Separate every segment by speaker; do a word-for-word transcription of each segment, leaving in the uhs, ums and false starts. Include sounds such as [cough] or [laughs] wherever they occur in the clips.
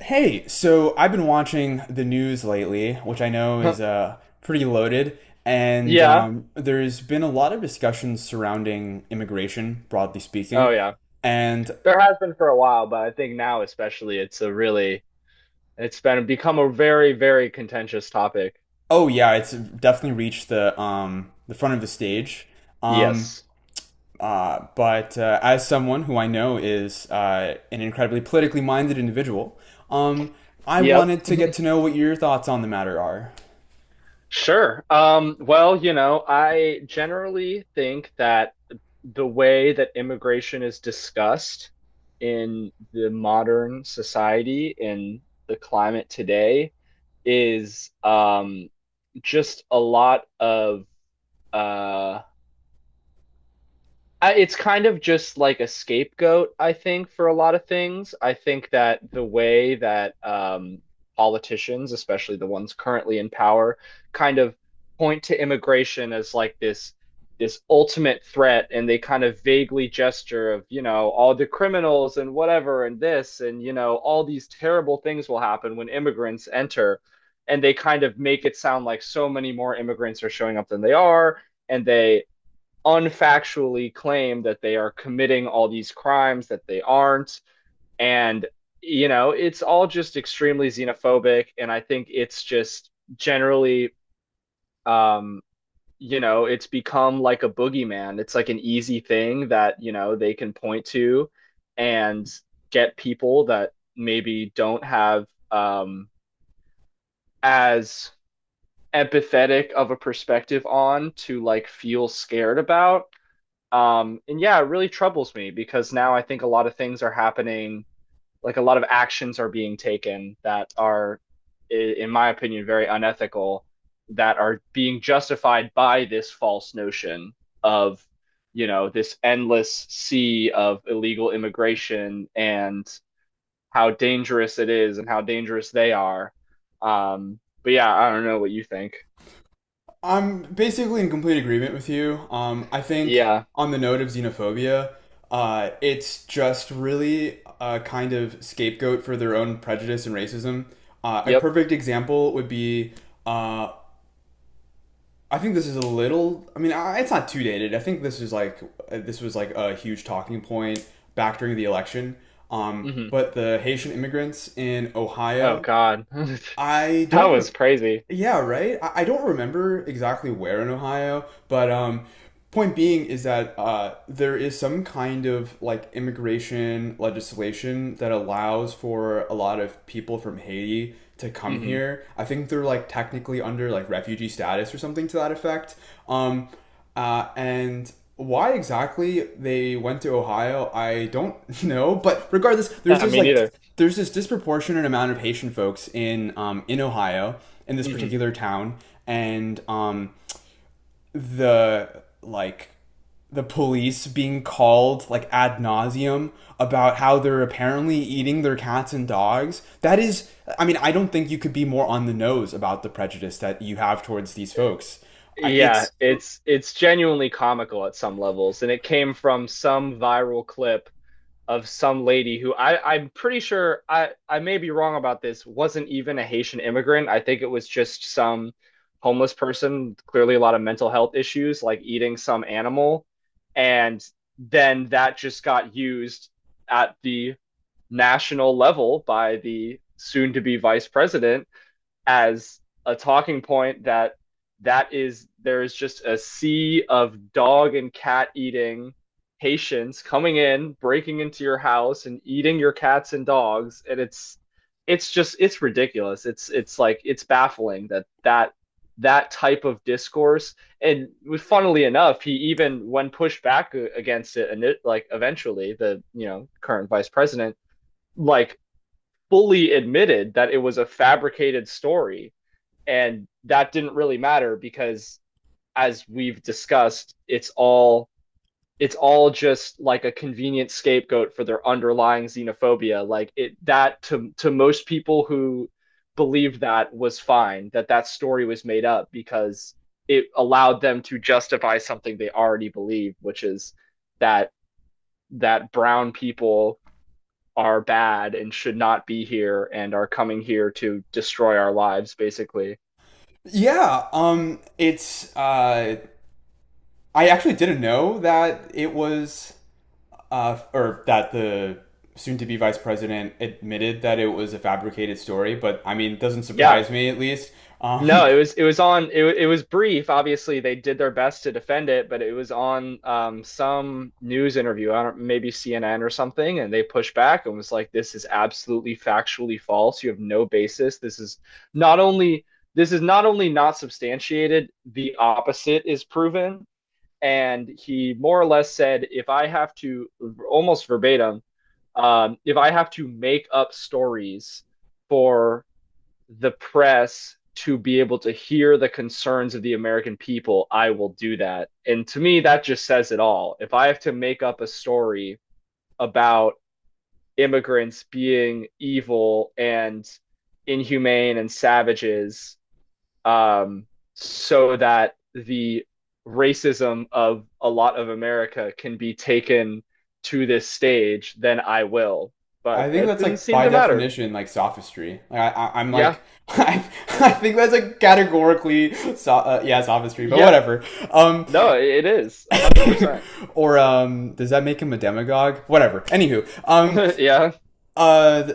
Speaker 1: Hey, so I've been watching the news lately, which I know is
Speaker 2: [laughs]
Speaker 1: uh, pretty loaded, and
Speaker 2: Yeah.
Speaker 1: um, there's been a lot of discussions surrounding immigration, broadly
Speaker 2: Oh,
Speaker 1: speaking.
Speaker 2: yeah.
Speaker 1: And
Speaker 2: There has been for a while, but I think now especially it's a really it's been become a very, very contentious topic.
Speaker 1: oh yeah, it's definitely reached the um, the front of the stage. Um,
Speaker 2: Yes.
Speaker 1: uh, but uh, As someone who I know is uh, an incredibly politically minded individual, um, I
Speaker 2: Yep.
Speaker 1: wanted to get to know what your thoughts on the matter are.
Speaker 2: Sure. Um, well, you know, I generally think that the way that immigration is discussed in the modern society, in the climate today, is um just a lot of uh I- It's kind of just like a scapegoat, I think, for a lot of things. I think that the way that um, politicians, especially the ones currently in power, kind of point to immigration as like this this ultimate threat, and they kind of vaguely gesture of, you know, all the criminals and whatever and this and you know all these terrible things will happen when immigrants enter, and they kind of make it sound like so many more immigrants are showing up than they are, and they unfactually claim that they are committing all these crimes that they aren't. And, you know, it's all just extremely xenophobic. And I think it's just generally, um, you know, it's become like a boogeyman. It's like an easy thing that, you know, they can point to and get people that maybe don't have um, as empathetic of a perspective on to like feel scared about. Um, and yeah, it really troubles me because now I think a lot of things are happening, like a lot of actions are being taken that are, i- in my opinion, very unethical, that are being justified by this false notion of, you know, this endless sea of illegal immigration and how dangerous it is and how dangerous they are. Um, but yeah, I don't know what you think.
Speaker 1: I'm basically in complete agreement with you. Um, I think
Speaker 2: Yeah.
Speaker 1: on the note of xenophobia, uh, it's just really a kind of scapegoat for their own prejudice and racism. Uh, a
Speaker 2: Yep.
Speaker 1: perfect example would be uh, I think this is a little. I mean, I, it's not too dated. I think this is like uh, this was like a huge talking point back during the election. Um,
Speaker 2: Hmm.
Speaker 1: but the Haitian immigrants in
Speaker 2: Oh
Speaker 1: Ohio,
Speaker 2: God. [laughs]
Speaker 1: I
Speaker 2: That
Speaker 1: don't
Speaker 2: was
Speaker 1: recall
Speaker 2: crazy.
Speaker 1: yeah, right. I, I don't remember exactly where in Ohio, but um, point being is that uh, there is some kind of like immigration legislation that allows for a lot of people from Haiti to come
Speaker 2: Hmm.
Speaker 1: here. I think they're like technically under like refugee status or something to that effect. Um, uh, and why exactly they went to Ohio, I don't [laughs] know. But regardless, there's
Speaker 2: Yeah,
Speaker 1: this
Speaker 2: me
Speaker 1: like
Speaker 2: neither.
Speaker 1: there's this disproportionate amount of Haitian folks in um, in Ohio in this
Speaker 2: Hmm.
Speaker 1: particular town, and um, the like the police being called like ad nauseum about how they're apparently eating their cats and dogs. That is, I mean, I don't think you could be more on the nose about the prejudice that you have towards these folks. I-
Speaker 2: Yeah,
Speaker 1: It's
Speaker 2: it's it's genuinely comical at some levels, and it came from some viral clip of some lady who I I'm pretty sure I I may be wrong about this, wasn't even a Haitian immigrant. I think it was just some homeless person, clearly a lot of mental health issues, like eating some animal, and then that just got used at the national level by the soon to be vice president as a talking point that that is there is just a sea of dog and cat eating patients coming in, breaking into your house and eating your cats and dogs, and it's it's just it's ridiculous. It's it's like it's baffling that that that type of discourse and funnily enough he even when pushed back against it and it, like eventually the you know current vice president like fully admitted that it was a fabricated story and that didn't really matter because as we've discussed it's all it's all just like a convenient scapegoat for their underlying xenophobia like it that to to most people who believed that was fine that that story was made up because it allowed them to justify something they already believed, which is that that brown people are bad and should not be here and are coming here to destroy our lives basically.
Speaker 1: Yeah, um, it's uh, I actually didn't know that it was uh, or that the soon-to-be vice president admitted that it was a fabricated story, but I mean, it doesn't
Speaker 2: Yeah.
Speaker 1: surprise me at least. Um,
Speaker 2: No, it was it was on it, it was brief. Obviously, they did their best to defend it, but it was on um, some news interview, I don't, maybe C N N or something, and they pushed back and was like, "This is absolutely factually false. You have no basis. This is not only this is not only not substantiated, the opposite is proven." And he more or less said, "If I have to, almost verbatim, um, if I have to make up stories," for the press to be able to hear the concerns of the American people, I will do that. And to me, that just says it all. If I have to make up a story about immigrants being evil and inhumane and savages, um, so that the racism of a lot of America can be taken to this stage, then I will.
Speaker 1: [laughs]
Speaker 2: But
Speaker 1: I think
Speaker 2: that
Speaker 1: that's
Speaker 2: didn't
Speaker 1: like
Speaker 2: seem
Speaker 1: by
Speaker 2: to matter.
Speaker 1: definition like sophistry. Like I, I I'm
Speaker 2: Yeah.
Speaker 1: like [laughs] I, I think that's like categorically so, uh, yeah sophistry, but
Speaker 2: Yeah.
Speaker 1: whatever. Um,
Speaker 2: No, it is one hundred percent.
Speaker 1: or um, Does that make him a demagogue? Whatever. Anywho, um,
Speaker 2: [laughs] Yeah.
Speaker 1: Uh,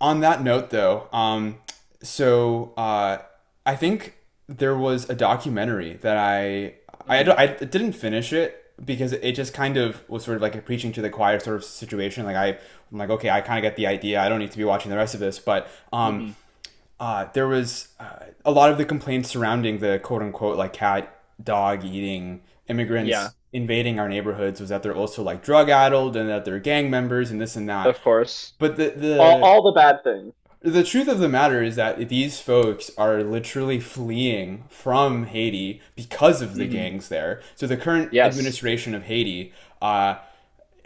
Speaker 1: on that note, though, um, so uh, I think there was a documentary that I I,
Speaker 2: Hmm.
Speaker 1: I didn't finish it because it just kind of was sort of like a preaching to the choir sort of situation. Like I, I'm like, okay, I kind of get the idea. I don't need to be watching the rest of this. But um,
Speaker 2: Hmm.
Speaker 1: uh, there was uh, a lot of the complaints surrounding the quote unquote like cat dog eating
Speaker 2: Yeah.
Speaker 1: immigrants invading our neighborhoods was that they're also like drug addled and that they're gang members and this and that.
Speaker 2: Of course.
Speaker 1: But the
Speaker 2: All
Speaker 1: the
Speaker 2: all the bad things.
Speaker 1: the truth of the matter is that these folks are literally fleeing from Haiti because of the
Speaker 2: Hmm.
Speaker 1: gangs there. So the current
Speaker 2: Yes.
Speaker 1: administration of Haiti uh,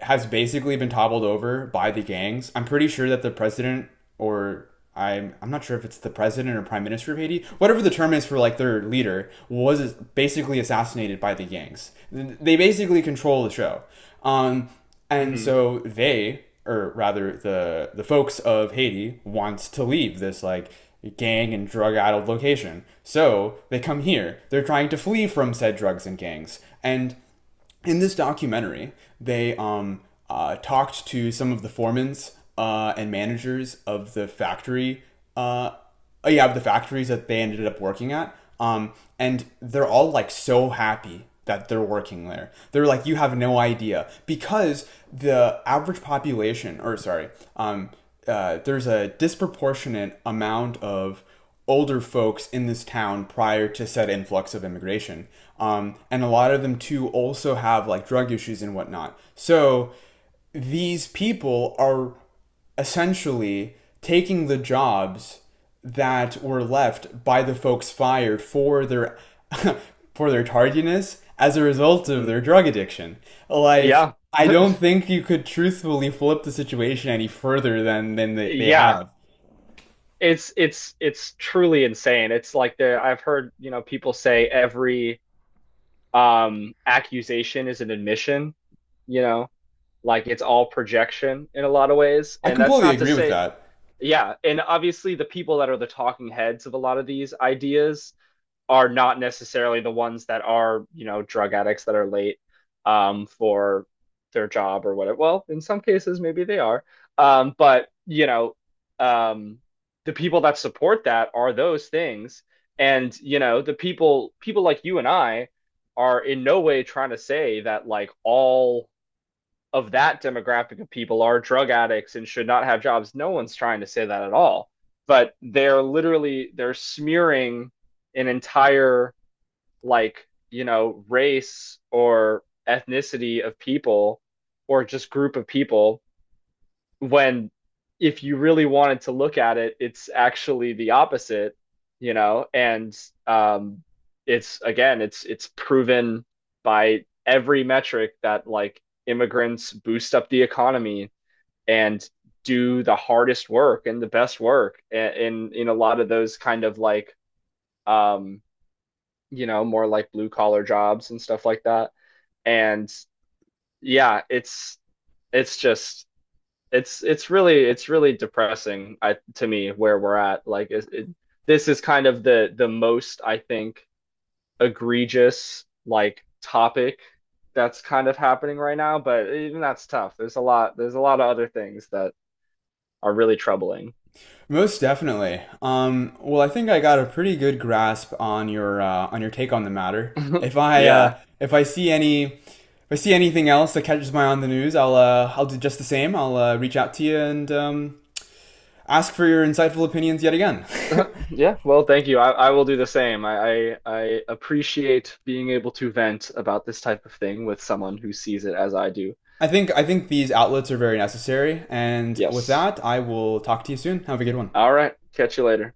Speaker 1: has basically been toppled over by the gangs. I'm pretty sure that the president or I'm I'm not sure if it's the president or prime minister of Haiti, whatever the term is for like their leader, was basically assassinated by the gangs. They basically control the show, um, and
Speaker 2: Hmm.
Speaker 1: so they, or rather the the folks of Haiti, wants to leave this like gang and drug addled location. So they come here. They're trying to flee from said drugs and gangs, and in this documentary, they um, uh, talked to some of the foremans uh, and managers of the factory. Uh, oh, yeah, of the factories that they ended up working at. Um, and they're all like so happy that they're working there. They're like, you have no idea because the average population, or sorry, um, uh, there's a disproportionate amount of older folks in this town prior to said influx of immigration. Um, and a lot of them too also have like drug issues and whatnot. So these people are essentially taking the jobs that were left by the folks fired for their [laughs] for their tardiness as a result of
Speaker 2: Hmm.
Speaker 1: their drug addiction. Like
Speaker 2: Yeah.
Speaker 1: I don't
Speaker 2: [laughs]
Speaker 1: think you could truthfully flip the situation any further than than they, they
Speaker 2: Yeah.
Speaker 1: have.
Speaker 2: It's it's it's truly insane. It's like there I've heard, you know, people say every um accusation is an admission, you know, like it's all projection in a lot of ways.
Speaker 1: I
Speaker 2: And that's
Speaker 1: completely
Speaker 2: not to
Speaker 1: agree with
Speaker 2: say,
Speaker 1: that.
Speaker 2: yeah, and obviously the people that are the talking heads of a lot of these ideas are not necessarily the ones that are you know drug addicts that are late um, for their job or whatever. Well, in some cases maybe they are, um, but you know um, the people that support that are those things, and you know the people people like you and I are in no way trying to say that like all of that demographic of people are drug addicts and should not have jobs. No one's trying to say that at all, but they're literally they're smearing an entire like, you know, race or ethnicity of people or just group of people when if you really wanted to look at it, it's actually the opposite, you know, and um it's again, it's it's proven by every metric that like immigrants boost up the economy and do the hardest work and the best work in in in a lot of those kind of like um you know, more like blue collar jobs and stuff like that. And yeah, it's it's just it's it's really it's really depressing I, to me where we're at. Like it, it, this is kind of the the most I think egregious like topic that's kind of happening right now. But even that's tough. There's a lot there's a lot of other things that are really troubling.
Speaker 1: Most definitely. Um, well, I think I got a pretty good grasp on your uh, on your take on the matter.
Speaker 2: [laughs]
Speaker 1: If I
Speaker 2: Yeah.
Speaker 1: uh, if I see any if I see anything else that catches my eye on the news, I'll uh, I'll do just the same. I'll uh, reach out to you and um, ask for your insightful opinions yet again. [laughs]
Speaker 2: [laughs] Yeah, well, thank you. I, I will do the same. I, I I appreciate being able to vent about this type of thing with someone who sees it as I do.
Speaker 1: I think I think these outlets are very necessary, and with
Speaker 2: Yes.
Speaker 1: that, I will talk to you soon. Have a good one.
Speaker 2: All right. Catch you later.